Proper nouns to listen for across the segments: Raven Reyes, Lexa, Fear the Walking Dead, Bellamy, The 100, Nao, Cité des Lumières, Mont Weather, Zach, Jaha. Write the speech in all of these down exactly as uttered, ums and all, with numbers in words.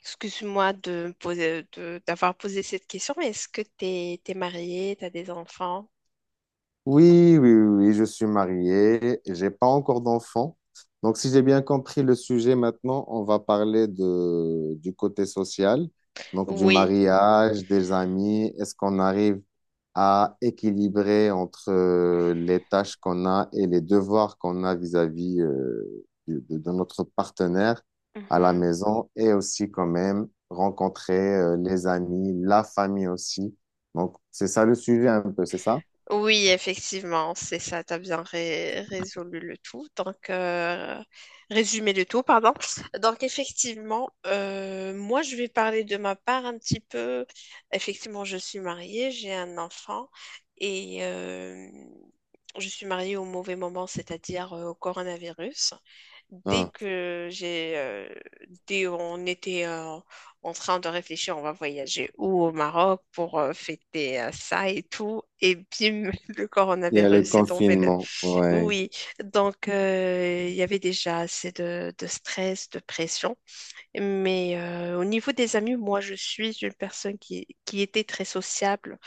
Excuse-moi de poser, de- d'avoir posé cette question, mais est-ce que t'es, t'es mariée, t'as des enfants? Oui, oui, oui, oui, je suis marié, j'ai pas encore d'enfant. Donc, si j'ai bien compris le sujet maintenant, on va parler de, du côté social, donc du Oui. mariage, des amis. Est-ce qu'on arrive à équilibrer entre euh, les tâches qu'on a et les devoirs qu'on a vis-à-vis euh, du- de, de notre partenaire à la maison et aussi quand même rencontrer euh, les amis, la famille aussi. Donc, c'est ça le sujet un peu, c'est ça? Oui, effectivement, c'est ça, tu as bien ré- résolu le tout. Donc, euh, résumé le tout, pardon. Donc, effectivement, euh, moi, je vais parler de ma part un petit peu. Effectivement, je suis mariée, j'ai un enfant et euh, je suis mariée au mauvais moment, c'est-à-dire euh, au coronavirus. Dès que j'ai, euh, dès on était, euh, en train de réfléchir, on va voyager où au Maroc pour euh, fêter euh, ça et tout. Et bim, le Il y a le coronavirus est tombé. le- confinement, ouais. Oui, oui. Donc euh, il y avait déjà assez de, de stress, de pression. Mais euh, au niveau des amis, moi, je suis une personne qui, qui était très sociable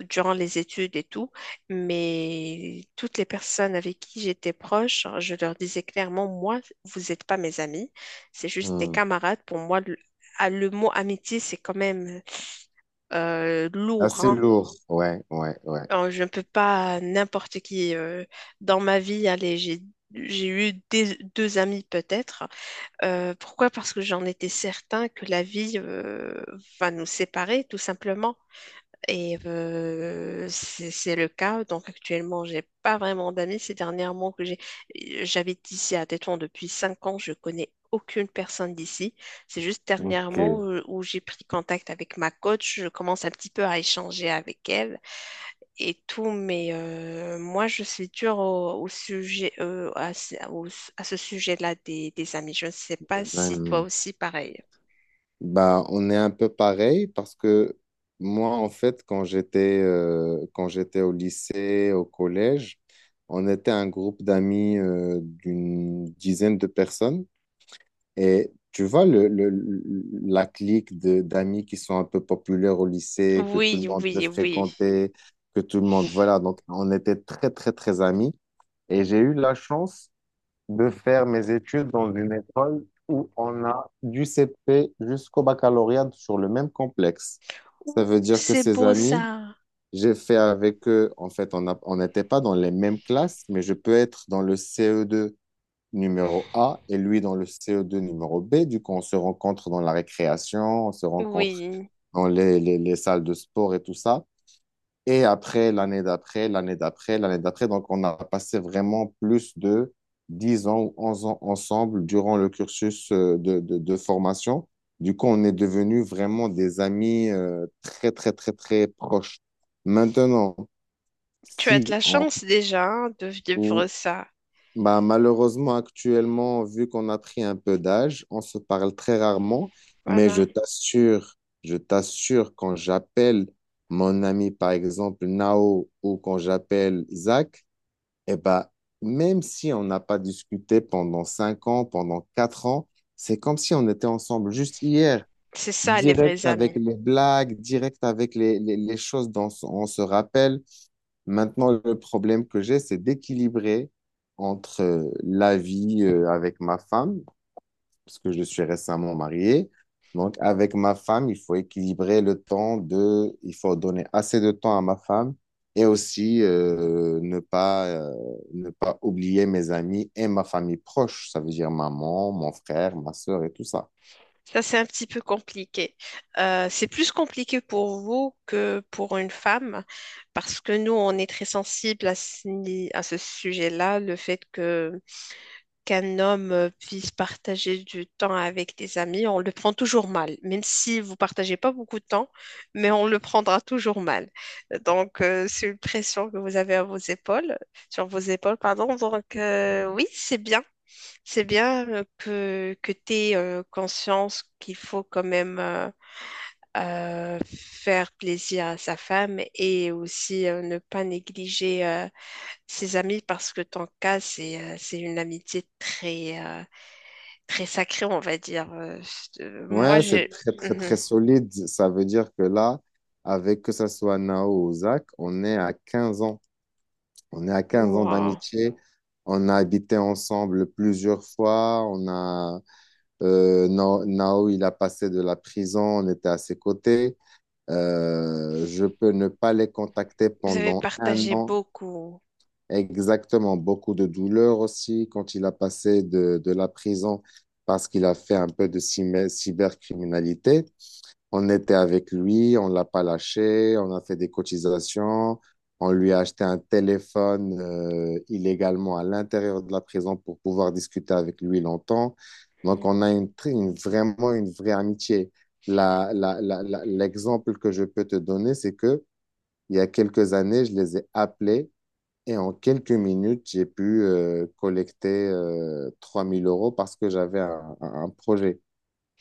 durant les études et tout, mais toutes les personnes avec qui j'étais proche, je leur disais clairement, moi, vous n'êtes pas mes amis, c'est juste des Hmm. camarades. Pour moi, le, ah, le mot amitié, c'est quand même euh, lourd, Assez hein. lourd, ouais, ouais, ouais. Alors, je ne peux pas n'importe qui euh, dans ma vie, allez, j'ai j'ai eu des- deux amis peut-être. Euh, pourquoi? Parce que j'en étais certain que la vie euh, va nous séparer, tout simplement. Et euh, c'est c'est le cas. Donc actuellement, j'ai pas vraiment d'amis. Ces dernièrement que j'ai, j'habite ici à Tétouan depuis cinq ans. Je connais aucune personne d'ici. C'est juste Ok, dernièrement les euh, où j'ai pris contact avec ma coach. Je commence un petit peu à échanger avec elle et tout. Mais euh, moi, je suis dure au, au sujet, euh, à, ce au- à ce sujet-là des, des amis. Je ne sais pas si toi amis. aussi pareil. Bah, on est un peu pareil parce que moi, en fait, quand j'étais euh, quand j'étais au lycée, au collège, on était un groupe d'amis euh, d'une dizaine de personnes. Et tu vois, le, le- le- la clique de- d'amis qui sont un peu populaires au lycée, que tout le Oui, monde veut oui, oui. fréquenter, que tout le monde, voilà. Donc, on était très, très, très amis. Et j'ai eu la chance de faire mes études dans une école où on a du C P jusqu'au baccalauréat sur le même complexe. Ça Ouh, veut dire que c'est ces beau amis, ça. j'ai fait avec eux, en fait, on a- on n'était pas dans les mêmes classes, mais je peux être dans le C E deux numéro A et lui dans le C E deux numéro B. Du coup, on se rencontre dans la récréation, on se rencontre Oui. dans les, les les salles de sport et tout ça. Et après, l'année d'après, l'année d'après, l'année d'après. Donc, on a passé vraiment plus de dix ans ou onze ans ensemble durant le cursus euh, de, de, de formation. Du coup, on est devenus vraiment des amis euh, très, très, très, très proches. Maintenant, Tu as de si la chance déjà hein, de on, vivre ça. bah, malheureusement, actuellement, vu qu'on a pris un peu d'âge, on se parle très rarement, mais je Voilà. t'assure, je t'assure, quand j'appelle mon ami, par exemple, Nao, ou quand j'appelle Zach, eh bah, même si on n'a pas discuté pendant cinq ans, pendant quatre ans, c'est comme si on était ensemble juste hier, C'est ça, les direct vrais avec amis. les blagues, direct avec les, les, les choses dont on se rappelle. Maintenant, le problème que j'ai, c'est d'équilibrer entre euh, la vie euh, avec ma femme, parce que je suis récemment marié. Donc, avec ma femme, il faut équilibrer le temps de, il faut donner assez de temps à ma femme et aussi euh, ne pas, euh, ne pas oublier mes amis et ma famille proche, ça veut dire maman, mon frère, ma sœur et tout ça. Ça, c'est un petit peu compliqué. Euh, c'est plus compliqué pour vous que pour une femme, parce que nous, on est très sensible à ce, ni- à ce sujet-là, le fait que qu'un homme euh, puisse partager du temps avec des amis, on le prend toujours mal. Même si vous partagez pas beaucoup de temps, mais on le prendra toujours mal. Donc, euh, c'est une pression que vous avez à vos épaules, sur vos épaules, pardon. Donc, euh, oui, c'est bien. C'est bien euh, que, que tu aies euh, conscience qu'il faut quand même euh, euh, faire plaisir à sa femme et aussi euh, ne pas négliger euh, ses amis parce que ton cas, c'est euh, c'est une amitié très, euh, très sacré, on va dire. Euh, c'est- euh, moi, Ouais, c'est j'ai. très, très, très Mhm. solide. Ça veut dire que là, avec que ça soit Nao ou Zach, on est à quinze ans. On est à quinze ans Moi, d'amitié. On a habité ensemble plusieurs fois. On a, euh, Nao, Nao, il a passé de la prison. On était à ses côtés. Euh, je peux ne pas les contacter vous avez pendant un partagé an. beaucoup. Exactement. Beaucoup de douleur aussi quand il a passé de, de la prison parce qu'il a fait un peu de cyber- cybercriminalité. On était avec lui, on l'a pas lâché, on a fait des cotisations, on lui a acheté un téléphone euh, illégalement à l'intérieur de la prison pour pouvoir discuter avec lui longtemps. Donc, on Mhm. a une, tr- une- vraiment une vraie amitié. La- la- la- la- l'exemple que je peux te donner, c'est que il y a quelques années, je les ai appelés et en quelques minutes, j'ai pu euh, collecter euh, trois mille euros parce que j'avais un un- un projet.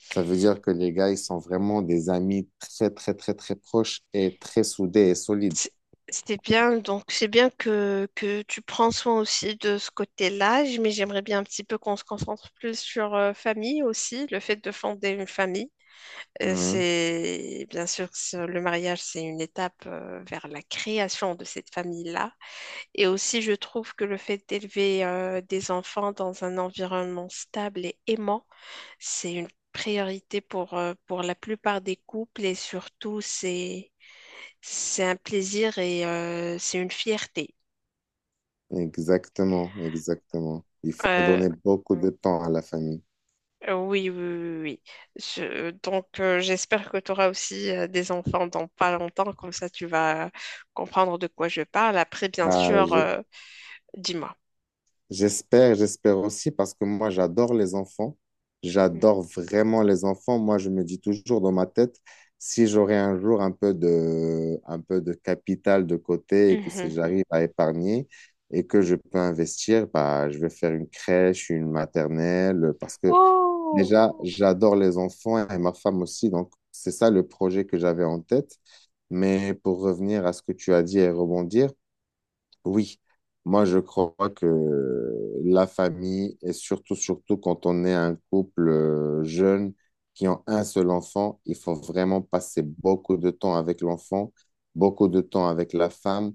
Ça veut dire que les gars, ils sont vraiment des amis très, très, très, très proches et très soudés et solides. C'est c'est bien, donc c'est bien que, que tu prends soin aussi de ce côté-là, j- mais j'aimerais bien un petit peu qu'on se concentre plus sur euh, famille aussi, le fait de fonder une famille. Euh, Ouais, C'est bien sûr ce- le mariage, c'est une étape euh, vers la création de cette famille-là. Et aussi, je trouve que le fait d'élever euh, des enfants dans un environnement stable et aimant, c'est une priorité pour, euh, pour la plupart des couples et surtout, c'est, c'est un plaisir et euh, c'est une fierté. exactement, exactement. Il faut Euh, donner beaucoup de temps à la famille. Euh, Oui, oui, oui, oui, oui. Je- donc, euh, j'espère que tu auras aussi euh, des enfants dans pas longtemps, comme ça tu vas comprendre de quoi je parle. Après, bien Bah, sûr, j'ai- euh, dis-moi. J'espère, j'espère aussi parce que moi, j'adore les enfants. J'adore vraiment les enfants. Moi, je me dis toujours dans ma tête, si j'aurais un jour un peu de, un peu de capital de côté et que si Mhm. j'arrive à épargner et que je peux investir, bah, je vais faire une crèche, une maternelle parce que Oh, déjà, j'adore les enfants et ma femme aussi. Donc, c'est ça le projet que j'avais en tête. Mais pour revenir à ce que tu as dit et rebondir, oui, moi je crois que la famille, et surtout, surtout quand on est un couple euh, jeune qui ont un seul enfant, il faut vraiment passer beaucoup de temps avec l'enfant, beaucoup de temps avec la femme,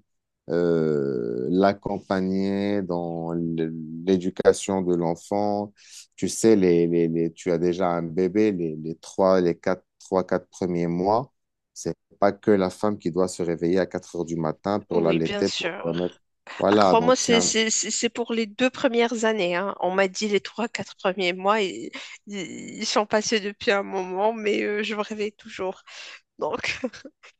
euh, l'accompagner dans l- l'éducation de l'enfant. Tu sais, les, les, les- tu as déjà un bébé, les, les trois, les quatre, trois, quatre premiers mois. C'est pas que la femme qui doit se réveiller à quatre heures du matin pour oui, bien l'allaiter, pour sûr. le remettre Ah, voilà, crois-moi, donc c'est c'est un... c'est- c'est- c'est pour les deux premières années, hein. On m'a dit les trois, quatre premiers mois, ils, ils- ils sont passés depuis un moment, mais euh, je me réveille toujours. Donc,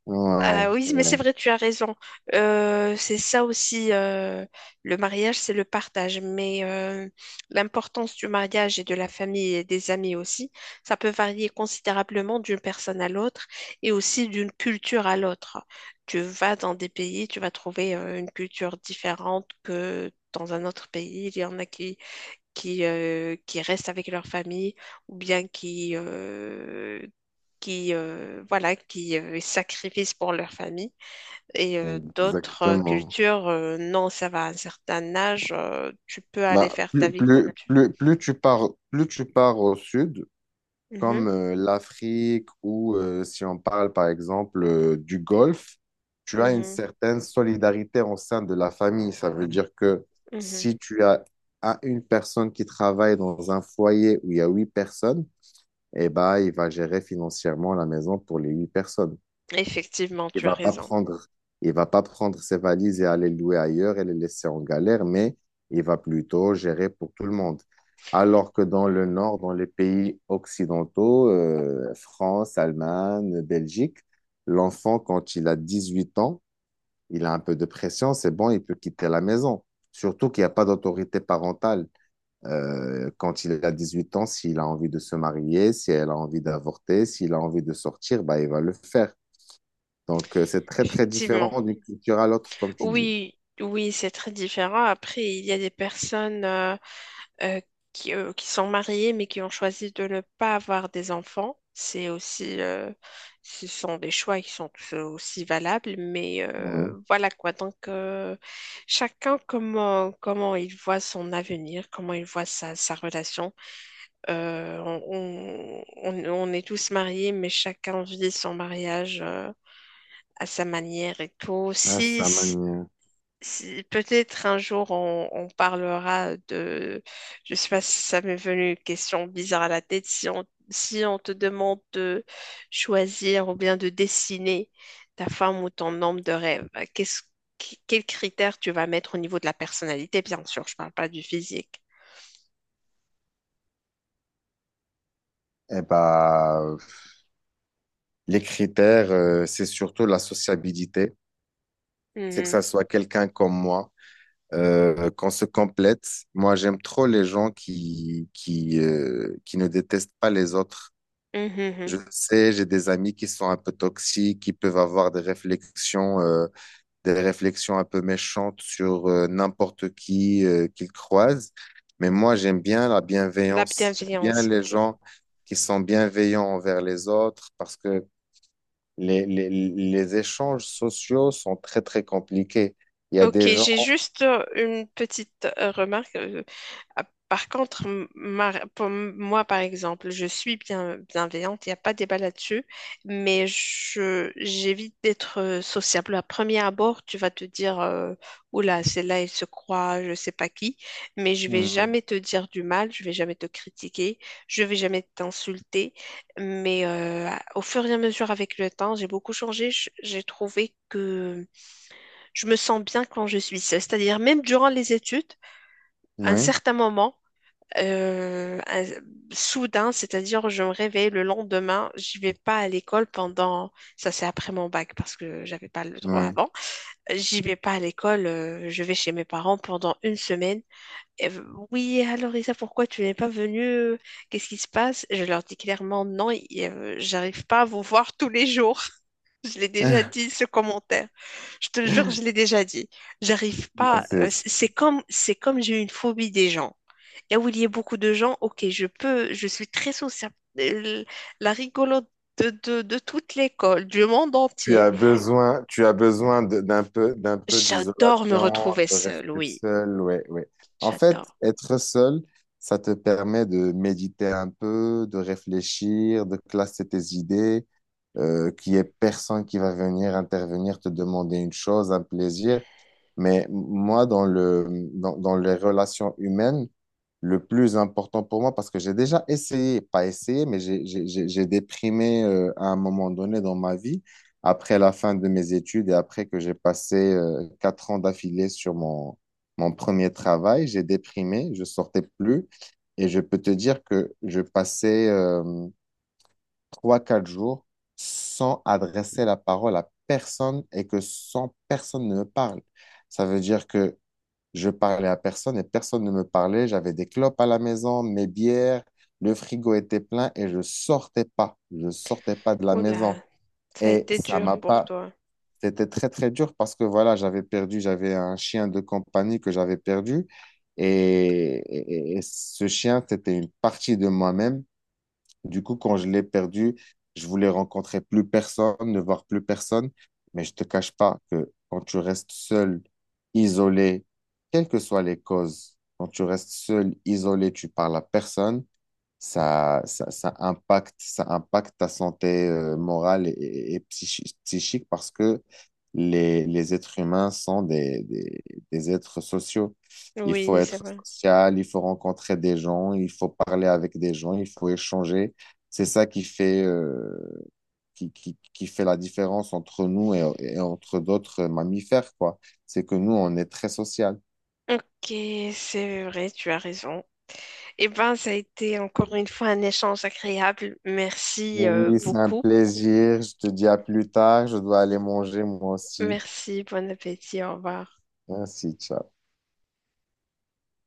Ouais, ah oui, mais c'est ouais, vrai, tu as raison. Euh, c'est ça aussi, euh, le mariage, c'est le partage. Mais euh, l'importance du mariage et de la famille et des amis aussi, ça peut varier considérablement d'une personne à l'autre et aussi d'une culture à l'autre. Tu vas dans des pays, tu vas trouver euh, une culture différente que dans un autre pays. Il y en a qui qui, euh, qui restent avec leur famille ou bien qui, euh, qui, euh, voilà, qui euh, sacrifient pour leur famille. Et euh, d'autres euh, exactement. cultures, euh, non, ça va à un certain âge, euh, tu peux Bah, aller faire ta plus, vie comme plus, tu plus, plus tu pars, plus tu pars au sud, veux. comme Mhm, euh, l'Afrique ou euh, si on parle par exemple euh, du Golfe, tu as une mhm, certaine solidarité au sein de la famille. Ça veut dire que mhm. si tu as, as une personne qui travaille dans un foyer où il y a huit personnes, eh ben, il va gérer financièrement la maison pour les huit personnes. Effectivement, Il tu as va pas raison. prendre, il va pas prendre ses valises et aller louer ailleurs et les laisser en galère, mais il va plutôt gérer pour tout le monde. Alors que dans le nord, dans les pays occidentaux, euh, France, Allemagne, Belgique, l'enfant, quand il a dix-huit ans, il a un peu de pression, c'est bon, il peut quitter la maison. Surtout qu'il n'y a pas d'autorité parentale. Euh, quand il a dix-huit ans, s'il a envie de se marier, si elle a envie d'avorter, s'il a envie de sortir, bah, il va le faire. Donc, euh, c'est très, très Effectivement. différent d'une culture à l'autre, comme tu dis. Oui, oui, c'est très différent. Après, il y a des personnes. euh, euh, qui, euh, qui sont mariés mais qui ont choisi de ne pas avoir des enfants. C'est aussi, euh, ce sont des choix qui sont tous aussi valables, mais Ouais, euh, voilà quoi. Donc, euh, chacun comment, comment il voit son avenir, comment il voit sa, sa relation. Euh, on, on, on est tous mariés, mais chacun vit son mariage euh, à sa manière et tout. à Si, sa si, manière. si- Peut-être un jour on, on parlera de, je sais pas si ça m'est venu une question bizarre à la tête, si on, si on te demande de choisir ou bien de dessiner ta femme ou ton homme de rêve, qu'est-ce, qu- quels critères tu vas mettre au niveau de la personnalité, bien sûr, je parle pas du physique. Eh ben, les critères, euh, c'est surtout la sociabilité. C'est que Mhm. ça soit quelqu'un comme moi, euh, qu'on se complète. Moi, j'aime trop les gens qui, qui, euh, qui ne détestent pas les autres. Mhm, mhm. Je sais, j'ai des amis qui sont un peu toxiques, qui peuvent avoir des réflexions, euh, des réflexions un peu méchantes sur euh, n'importe qui euh, qu'il croise. Mais moi, j'aime bien la La bienveillance. J'aime bien bienveillance, les ok. gens qui sont bienveillants envers les autres parce que les, les, les échanges sociaux sont très, très compliqués. Il y a Ok, des gens. j'ai juste euh, une petite euh, remarque. euh, ah, Par contre, m- ma- pour m- moi, par exemple, je suis bien, bienveillante, il n'y a pas de débat là-dessus, mais je, j'évite d'être euh, sociable. À premier abord, tu vas te dire, euh, oula, celle-là, elle se croit, je sais pas qui, mais je vais Mhm. jamais te dire du mal, je vais jamais te critiquer, je vais jamais t'insulter. Mais euh, au fur et à mesure avec le temps, j'ai beaucoup changé. Je- J'ai trouvé que je me sens bien quand je suis seule. C'est-à-dire, même durant les études, à un Oui, certain moment, euh, un- soudain, c'est-à-dire, je me réveille le lendemain, je vais pas à l'école pendant, ça c'est après mon bac parce que j'avais pas le droit oui. avant. J'y vais pas à l'école, euh, je vais chez mes parents pendant une semaine. Et, euh, oui, alors Isa, pourquoi tu n'es pas venue? euh, Qu'est-ce qui se passe? Je leur dis clairement non, et, euh, j'arrive pas à vous voir tous les jours. Je l'ai déjà dit, ce commentaire. Je te le jure, je l'ai déjà dit. J'arrive Non, pas. c'est- euh, c- C'est comme, c'est comme j'ai une phobie des gens. Là où il y a beaucoup de gens, ok, je peux, je suis très sociable. Euh, La rigolote de, de, de toute l'école, du monde Tu entier. as besoin, tu as besoin de- d'un peu, d'un peu J'adore me d'isolation, retrouver de seule, rester oui. seul, ouais, ouais. En fait, J'adore. être seul, ça te permet de méditer un peu, de réfléchir, de classer tes idées, euh, qu'il n'y ait personne qui va venir intervenir, te demander une chose, un plaisir. Mais moi, dans le, dans, dans les relations humaines, le plus important pour moi parce que j'ai déjà essayé, pas essayé, mais j'ai j'ai- j'ai- j'ai déprimé euh, à un moment donné dans ma vie, après la fin de mes études et après que j'ai passé euh, quatre ans d'affilée sur mon, mon premier travail, j'ai déprimé, je sortais plus et je peux te dire que je passais euh, trois, quatre jours sans adresser la parole à personne et que sans personne ne me parle. Ça veut dire que je parlais à personne et personne ne me parlait. J'avais des clopes à la maison, mes bières, le frigo était plein et je sortais pas. Je sortais pas de la maison. Oula, ça a Et été ça dur m'a Mhm. pour pas. toi. C'était très, très dur parce que voilà, j'avais perdu, j'avais un chien de compagnie que j'avais perdu. Et, et- et ce chien, c'était une partie de moi-même. Du coup, quand je l'ai perdu, je voulais rencontrer plus personne, ne voir plus personne. Mais je te cache pas que quand tu restes seul, isolé, quelles que soient les causes, quand tu restes seul, isolé, tu parles à personne, ça, ça, ça impacte, ça impacte ta santé euh, morale et, et- et psychi- psychique parce que les, les êtres humains sont des, des, des êtres sociaux. Il faut Oui, c'est être vrai. social, il faut rencontrer des gens, il faut parler avec des gens, il faut échanger. C'est ça qui fait, euh, qui, qui, qui fait la différence entre nous et, et entre d'autres mammifères, quoi. C'est que nous, on est très social. Ok, c'est vrai, tu as raison. Eh ben, ça a été encore une fois un échange agréable. Merci euh, Oui, c'est un beaucoup. plaisir. Je te dis à plus tard. Je dois aller manger moi aussi. Merci, bon appétit, au revoir. Merci, ciao.